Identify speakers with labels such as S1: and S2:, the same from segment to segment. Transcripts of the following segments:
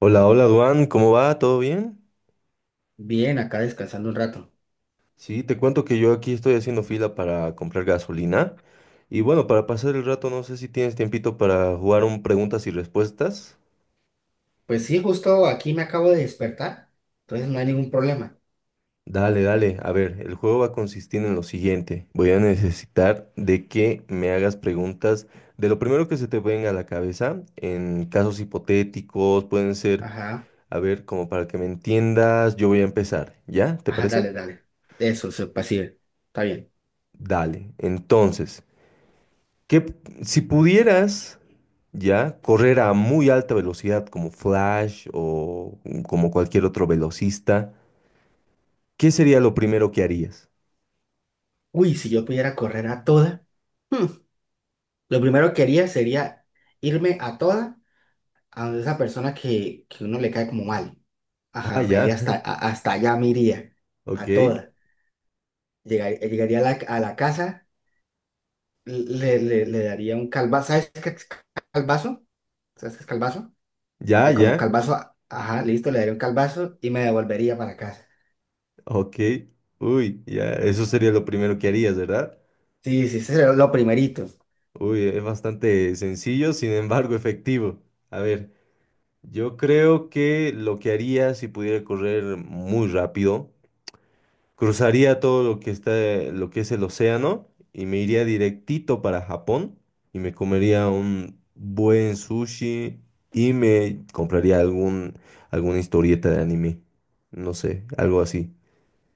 S1: Hola, hola, Duan, ¿cómo va? ¿Todo bien?
S2: Bien, acá descansando un rato.
S1: Sí, te cuento que yo aquí estoy haciendo fila para comprar gasolina. Y bueno, para pasar el rato, no sé si tienes tiempito para jugar un preguntas y respuestas.
S2: Pues sí, justo aquí me acabo de despertar, entonces no hay ningún problema.
S1: Dale, dale. A ver, el juego va a consistir en lo siguiente. Voy a necesitar de que me hagas preguntas de lo primero que se te venga a la cabeza, en casos hipotéticos, pueden ser,
S2: Ajá,
S1: a ver, como para que me entiendas, yo voy a empezar, ¿ya? ¿Te
S2: ajá,
S1: parece?
S2: dale, dale. Eso, pasivo. Está bien.
S1: Dale. Entonces. Que si pudieras ya correr a muy alta velocidad como Flash o como cualquier otro velocista, ¿qué sería lo primero que harías?
S2: Uy, si yo pudiera correr a toda, hmm, lo primero que haría sería irme a toda a donde esa persona que uno le cae como mal.
S1: Ah,
S2: Ajá, me iría
S1: ya,
S2: hasta, hasta allá, me iría
S1: ok,
S2: a toda. Llegaría a la casa, le daría un calvazo. ¿Sabes qué es calvazo? ¿Sabes qué es calvazo? O
S1: ya,
S2: sea, como
S1: ya,
S2: calvazo, ajá, listo, le daría un calvazo y me devolvería para casa.
S1: ok, uy, ya, eso sería lo primero que harías, ¿verdad?
S2: Sí, sí, ese sería lo primerito.
S1: Uy, es bastante sencillo, sin embargo efectivo. A ver, yo creo que lo que haría si pudiera correr muy rápido. Cruzaría todo lo que es el océano y me iría directito para Japón y me comería un buen sushi y me compraría alguna historieta de anime. No sé, algo así.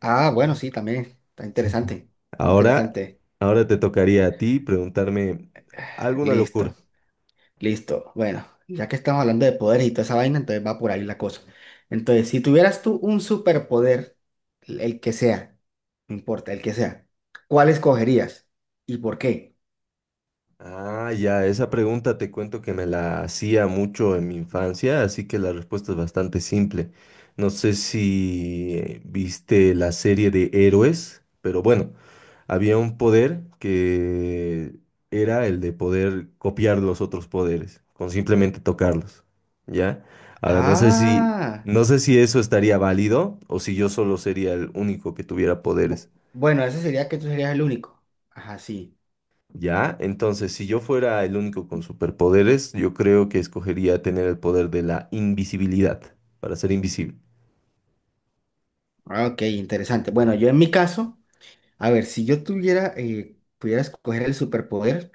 S2: Ah, bueno, sí, también. Está interesante. Está
S1: Ahora,
S2: interesante.
S1: ahora te tocaría a ti preguntarme alguna locura.
S2: Listo, listo. Bueno, ya que estamos hablando de poderes y toda esa vaina, entonces va por ahí la cosa. Entonces, si tuvieras tú un superpoder, el que sea, no importa, el que sea, ¿cuál escogerías y por qué?
S1: Ah, ya, esa pregunta te cuento que me la hacía mucho en mi infancia, así que la respuesta es bastante simple. No sé si viste la serie de héroes, pero bueno, había un poder que era el de poder copiar los otros poderes, con simplemente tocarlos, ¿ya? Ahora, no sé si,
S2: Ah,
S1: no sé si eso estaría válido o si yo solo sería el único que tuviera poderes.
S2: bu- bueno, eso sería que tú serías el único. Ajá, sí.
S1: ¿Ya? Entonces, si yo fuera el único con superpoderes, yo creo que escogería tener el poder de la invisibilidad para ser invisible.
S2: Ah, ok, interesante. Bueno, yo en mi caso. A ver, si yo tuviera, pudiera escoger el superpoder,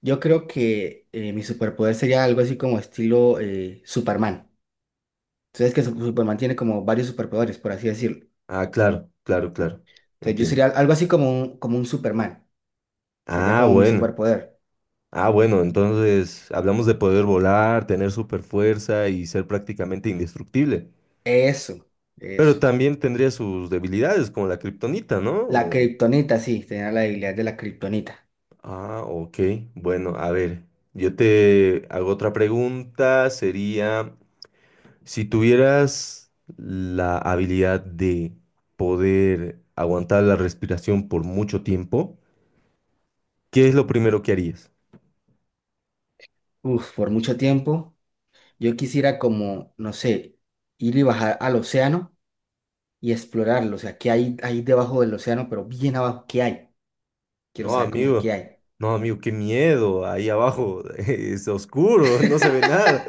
S2: yo creo que mi superpoder sería algo así como estilo Superman. Entonces, que Superman tiene como varios superpoderes, por así decirlo.
S1: Ah, claro, claro, claro.
S2: Entonces, yo
S1: Entiendo.
S2: sería algo así como un Superman. Sería
S1: Ah,
S2: como mi
S1: bueno.
S2: superpoder.
S1: Ah, bueno, entonces hablamos de poder volar, tener super fuerza y ser prácticamente indestructible.
S2: Eso,
S1: Pero
S2: eso.
S1: también tendría sus debilidades, como la kriptonita, ¿no?
S2: La kriptonita, sí, tenía la debilidad de la kriptonita.
S1: Ah, ok. Bueno, a ver. Yo te hago otra pregunta. Sería. Si tuvieras la habilidad de poder aguantar la respiración por mucho tiempo, ¿qué es lo primero que harías?
S2: Uf, por mucho tiempo, yo quisiera como, no sé, ir y bajar al océano y explorarlo. O sea, qué hay ahí debajo del océano, pero bien abajo, ¿qué hay? Quiero
S1: No,
S2: saber como que qué
S1: amigo,
S2: hay.
S1: no, amigo, qué miedo. Ahí abajo es oscuro, no se ve nada.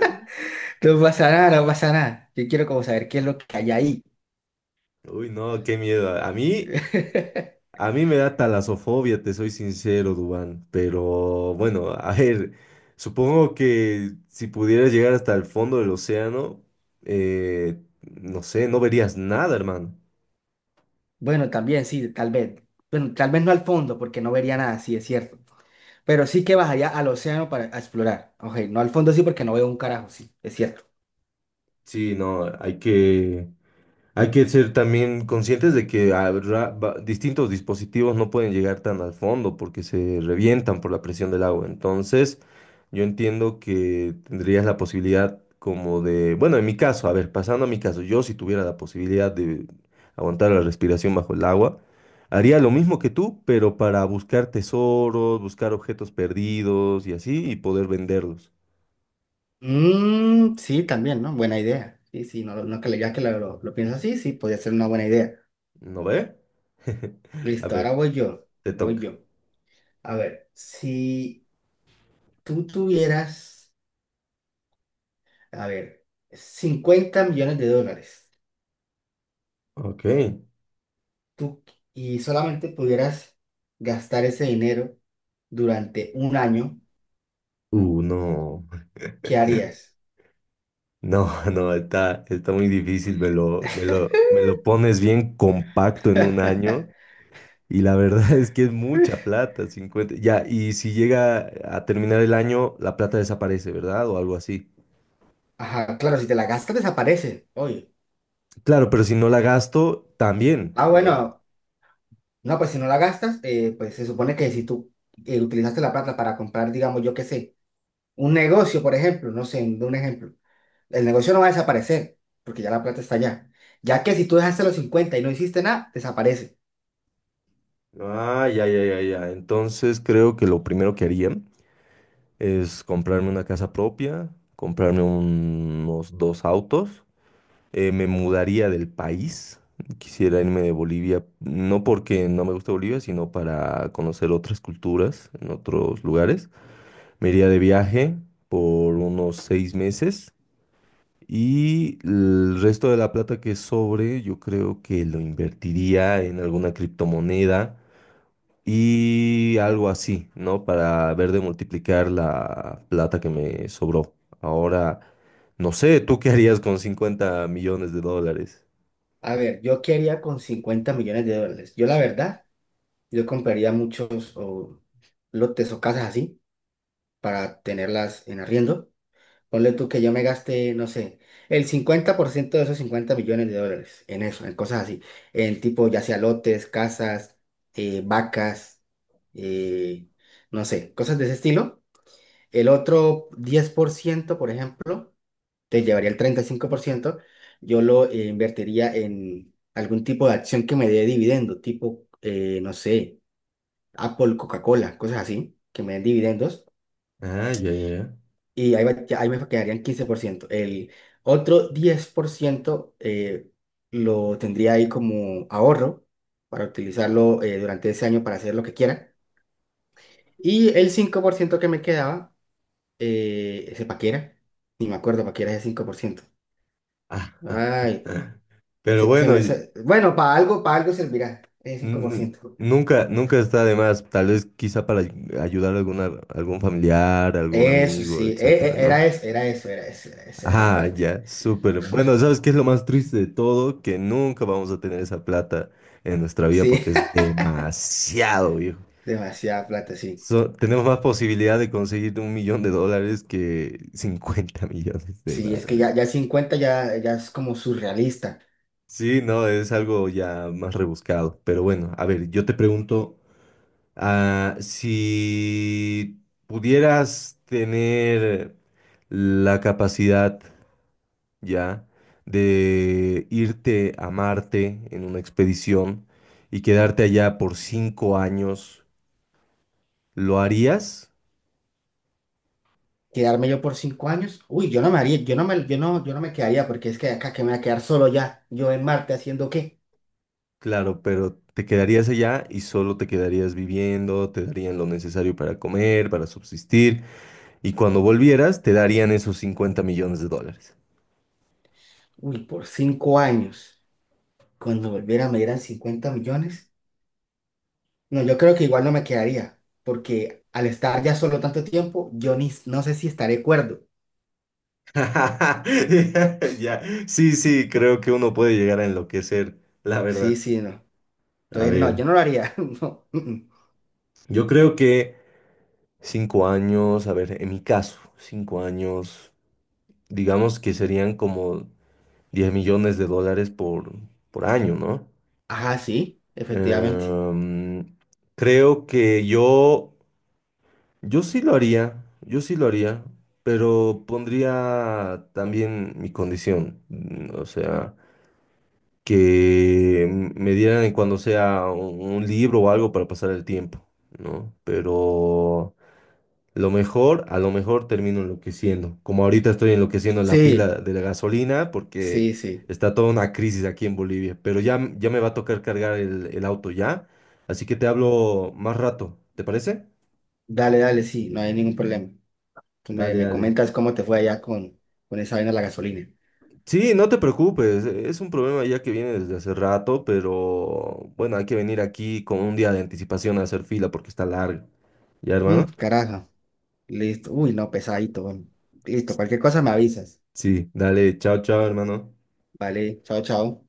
S2: No pasa nada, no pasa nada. Yo quiero como saber qué es lo que hay ahí.
S1: Uy, no, qué miedo. A mí, a mí me da talasofobia, te soy sincero, Dubán. Pero bueno, a ver, supongo que si pudieras llegar hasta el fondo del océano, eh, no sé, no verías nada, hermano.
S2: Bueno, también sí, tal vez. Bueno, tal vez no al fondo, porque no vería nada, sí, es cierto. Pero sí que vas allá al océano para a explorar. Ok, no al fondo sí, porque no veo un carajo, sí, es cierto.
S1: Sí, no, hay que ser también conscientes de que habrá distintos dispositivos no pueden llegar tan al fondo porque se revientan por la presión del agua. Entonces, yo entiendo que tendrías la posibilidad como de, bueno, en mi caso, a ver, pasando a mi caso, yo si tuviera la posibilidad de aguantar la respiración bajo el agua, haría lo mismo que tú, pero para buscar tesoros, buscar objetos perdidos y así, y poder venderlos.
S2: Mm, sí, también, ¿no? Buena idea. Sí, sí, no, no que ya que lo pienso así, sí, podría ser una buena idea.
S1: ¿No ve? A
S2: Listo,
S1: ver,
S2: ahora voy yo.
S1: te
S2: Voy
S1: toca.
S2: yo. A ver, si tú tuvieras, a ver, 50 millones de dólares.
S1: Ok.
S2: Tú y solamente pudieras gastar ese dinero durante un año,
S1: No,
S2: ¿qué harías?
S1: no, no, está, está muy difícil, me lo, me lo, me lo pones bien compacto en un año y la verdad es que es mucha plata, 50. Ya, y si llega a terminar el año, la plata desaparece, ¿verdad? O algo así.
S2: Ajá, claro, si te la gastas desaparece, oye.
S1: Claro, pero si no la gasto, también,
S2: Ah,
S1: ¿no ve?
S2: bueno, no, pues si no la gastas, pues se supone que si tú utilizaste la plata para comprar, digamos, yo qué sé, un negocio, por ejemplo, no sé, de un ejemplo, el negocio no va a desaparecer, porque ya la plata está allá. Ya que si tú dejaste los 50 y no hiciste nada, desaparece.
S1: Ah, ya, ya, ya, ya. Entonces creo que lo primero que haría es comprarme una casa propia, comprarme unos dos autos. Me mudaría del país. Quisiera irme de Bolivia, no porque no me gusta Bolivia, sino para conocer otras culturas en otros lugares. Me iría de viaje por unos 6 meses y el resto de la plata que sobre, yo creo que lo invertiría en alguna criptomoneda y algo así, ¿no? Para ver de multiplicar la plata que me sobró. Ahora, no sé, ¿tú qué harías con 50 millones de dólares?
S2: A ver, yo qué haría con 50 millones de dólares. Yo la verdad. Yo compraría muchos o lotes o casas así para tenerlas en arriendo. Ponle tú que yo me gaste, no sé, el 50% de esos 50 millones de dólares en eso, en cosas así. En tipo, ya sea lotes, casas, vacas, eh, no sé, cosas de ese estilo. El otro diez por ciento por ejemplo, te llevaría el 35% yo lo invertiría en algún tipo de acción que me dé dividendo, tipo, no sé. Apple, Coca-Cola, cosas así, que me den dividendos
S1: Ah, ya, ya, ya.
S2: y ahí, ya ahí me quedarían 15%. El otro 10% lo tendría ahí como ahorro para utilizarlo durante ese año para hacer lo que quiera. Y el 5% que me quedaba, ese paquera, ni me acuerdo, paquera ese 5%.
S1: Ah, ah, ah,
S2: Ay,
S1: ah. Pero bueno,
S2: bueno, para algo servirá ese cinco por ciento.
S1: nunca, nunca está de más. Tal vez quizá para ayudar a alguna, algún familiar, algún
S2: Eso
S1: amigo,
S2: sí,
S1: etcétera, ¿no?
S2: era eso, era eso, era eso, era la
S1: Ah,
S2: parte.
S1: ya, súper. Bueno, ¿sabes qué es lo más triste de todo? Que nunca vamos a tener esa plata en nuestra vida porque
S2: Sí.
S1: es demasiado, viejo.
S2: Demasiada plata, sí.
S1: Tenemos más posibilidad de conseguir un millón de dólares que 50 millones de
S2: Sí, es que
S1: dólares.
S2: ya, ya 50 ya, ya es como surrealista.
S1: Sí, no, es algo ya más rebuscado. Pero bueno, a ver, yo te pregunto, ah, si pudieras tener la capacidad ya de irte a Marte en una expedición y quedarte allá por 5 años, ¿lo harías?
S2: Quedarme yo por 5 años, uy, yo no me haría, yo no me quedaría porque es que acá que me voy a quedar solo ya, yo en Marte haciendo qué,
S1: Claro, pero te quedarías allá y solo te quedarías viviendo, te darían lo necesario para comer, para subsistir. Y cuando volvieras, te darían esos 50 millones de dólares.
S2: uy, por 5 años, cuando volviera me dieran 50 millones, no, yo creo que igual no me quedaría, porque al estar ya solo tanto tiempo, yo ni, no sé si estaré cuerdo.
S1: Ya, sí, sí, creo que uno puede llegar a enloquecer, la
S2: Sí,
S1: verdad.
S2: sí, no.
S1: A
S2: Entonces, no,
S1: ver,
S2: yo no lo haría, no. Mm.
S1: yo creo que 5 años, a ver, en mi caso, 5 años, digamos que serían como 10 millones de dólares por año, ¿no?
S2: Ajá, sí, efectivamente.
S1: Em, creo que yo sí lo haría, yo sí lo haría, pero pondría también mi condición, o sea, que me dieran cuando sea un libro o algo para pasar el tiempo, ¿no? Pero lo mejor, a lo mejor termino enloqueciendo, como ahorita estoy enloqueciendo en la fila
S2: Sí,
S1: de la gasolina porque
S2: sí, sí.
S1: está toda una crisis aquí en Bolivia, pero ya, ya me va a tocar cargar el auto ya, así que te hablo más rato, ¿te parece?
S2: Dale, dale, sí, no hay ningún problema.
S1: Dale,
S2: Me
S1: dale.
S2: comentas cómo te fue allá con esa vaina de la gasolina.
S1: Sí, no te preocupes, es un problema ya que viene desde hace rato, pero bueno, hay que venir aquí con un día de anticipación a hacer fila porque está largo. ¿Ya,
S2: Mm,
S1: hermano?
S2: carajo, listo. Uy, no, pesadito. Bueno. Listo, cualquier cosa me avisas.
S1: Sí, dale, chao, chao, hermano.
S2: Vale, chao, chao.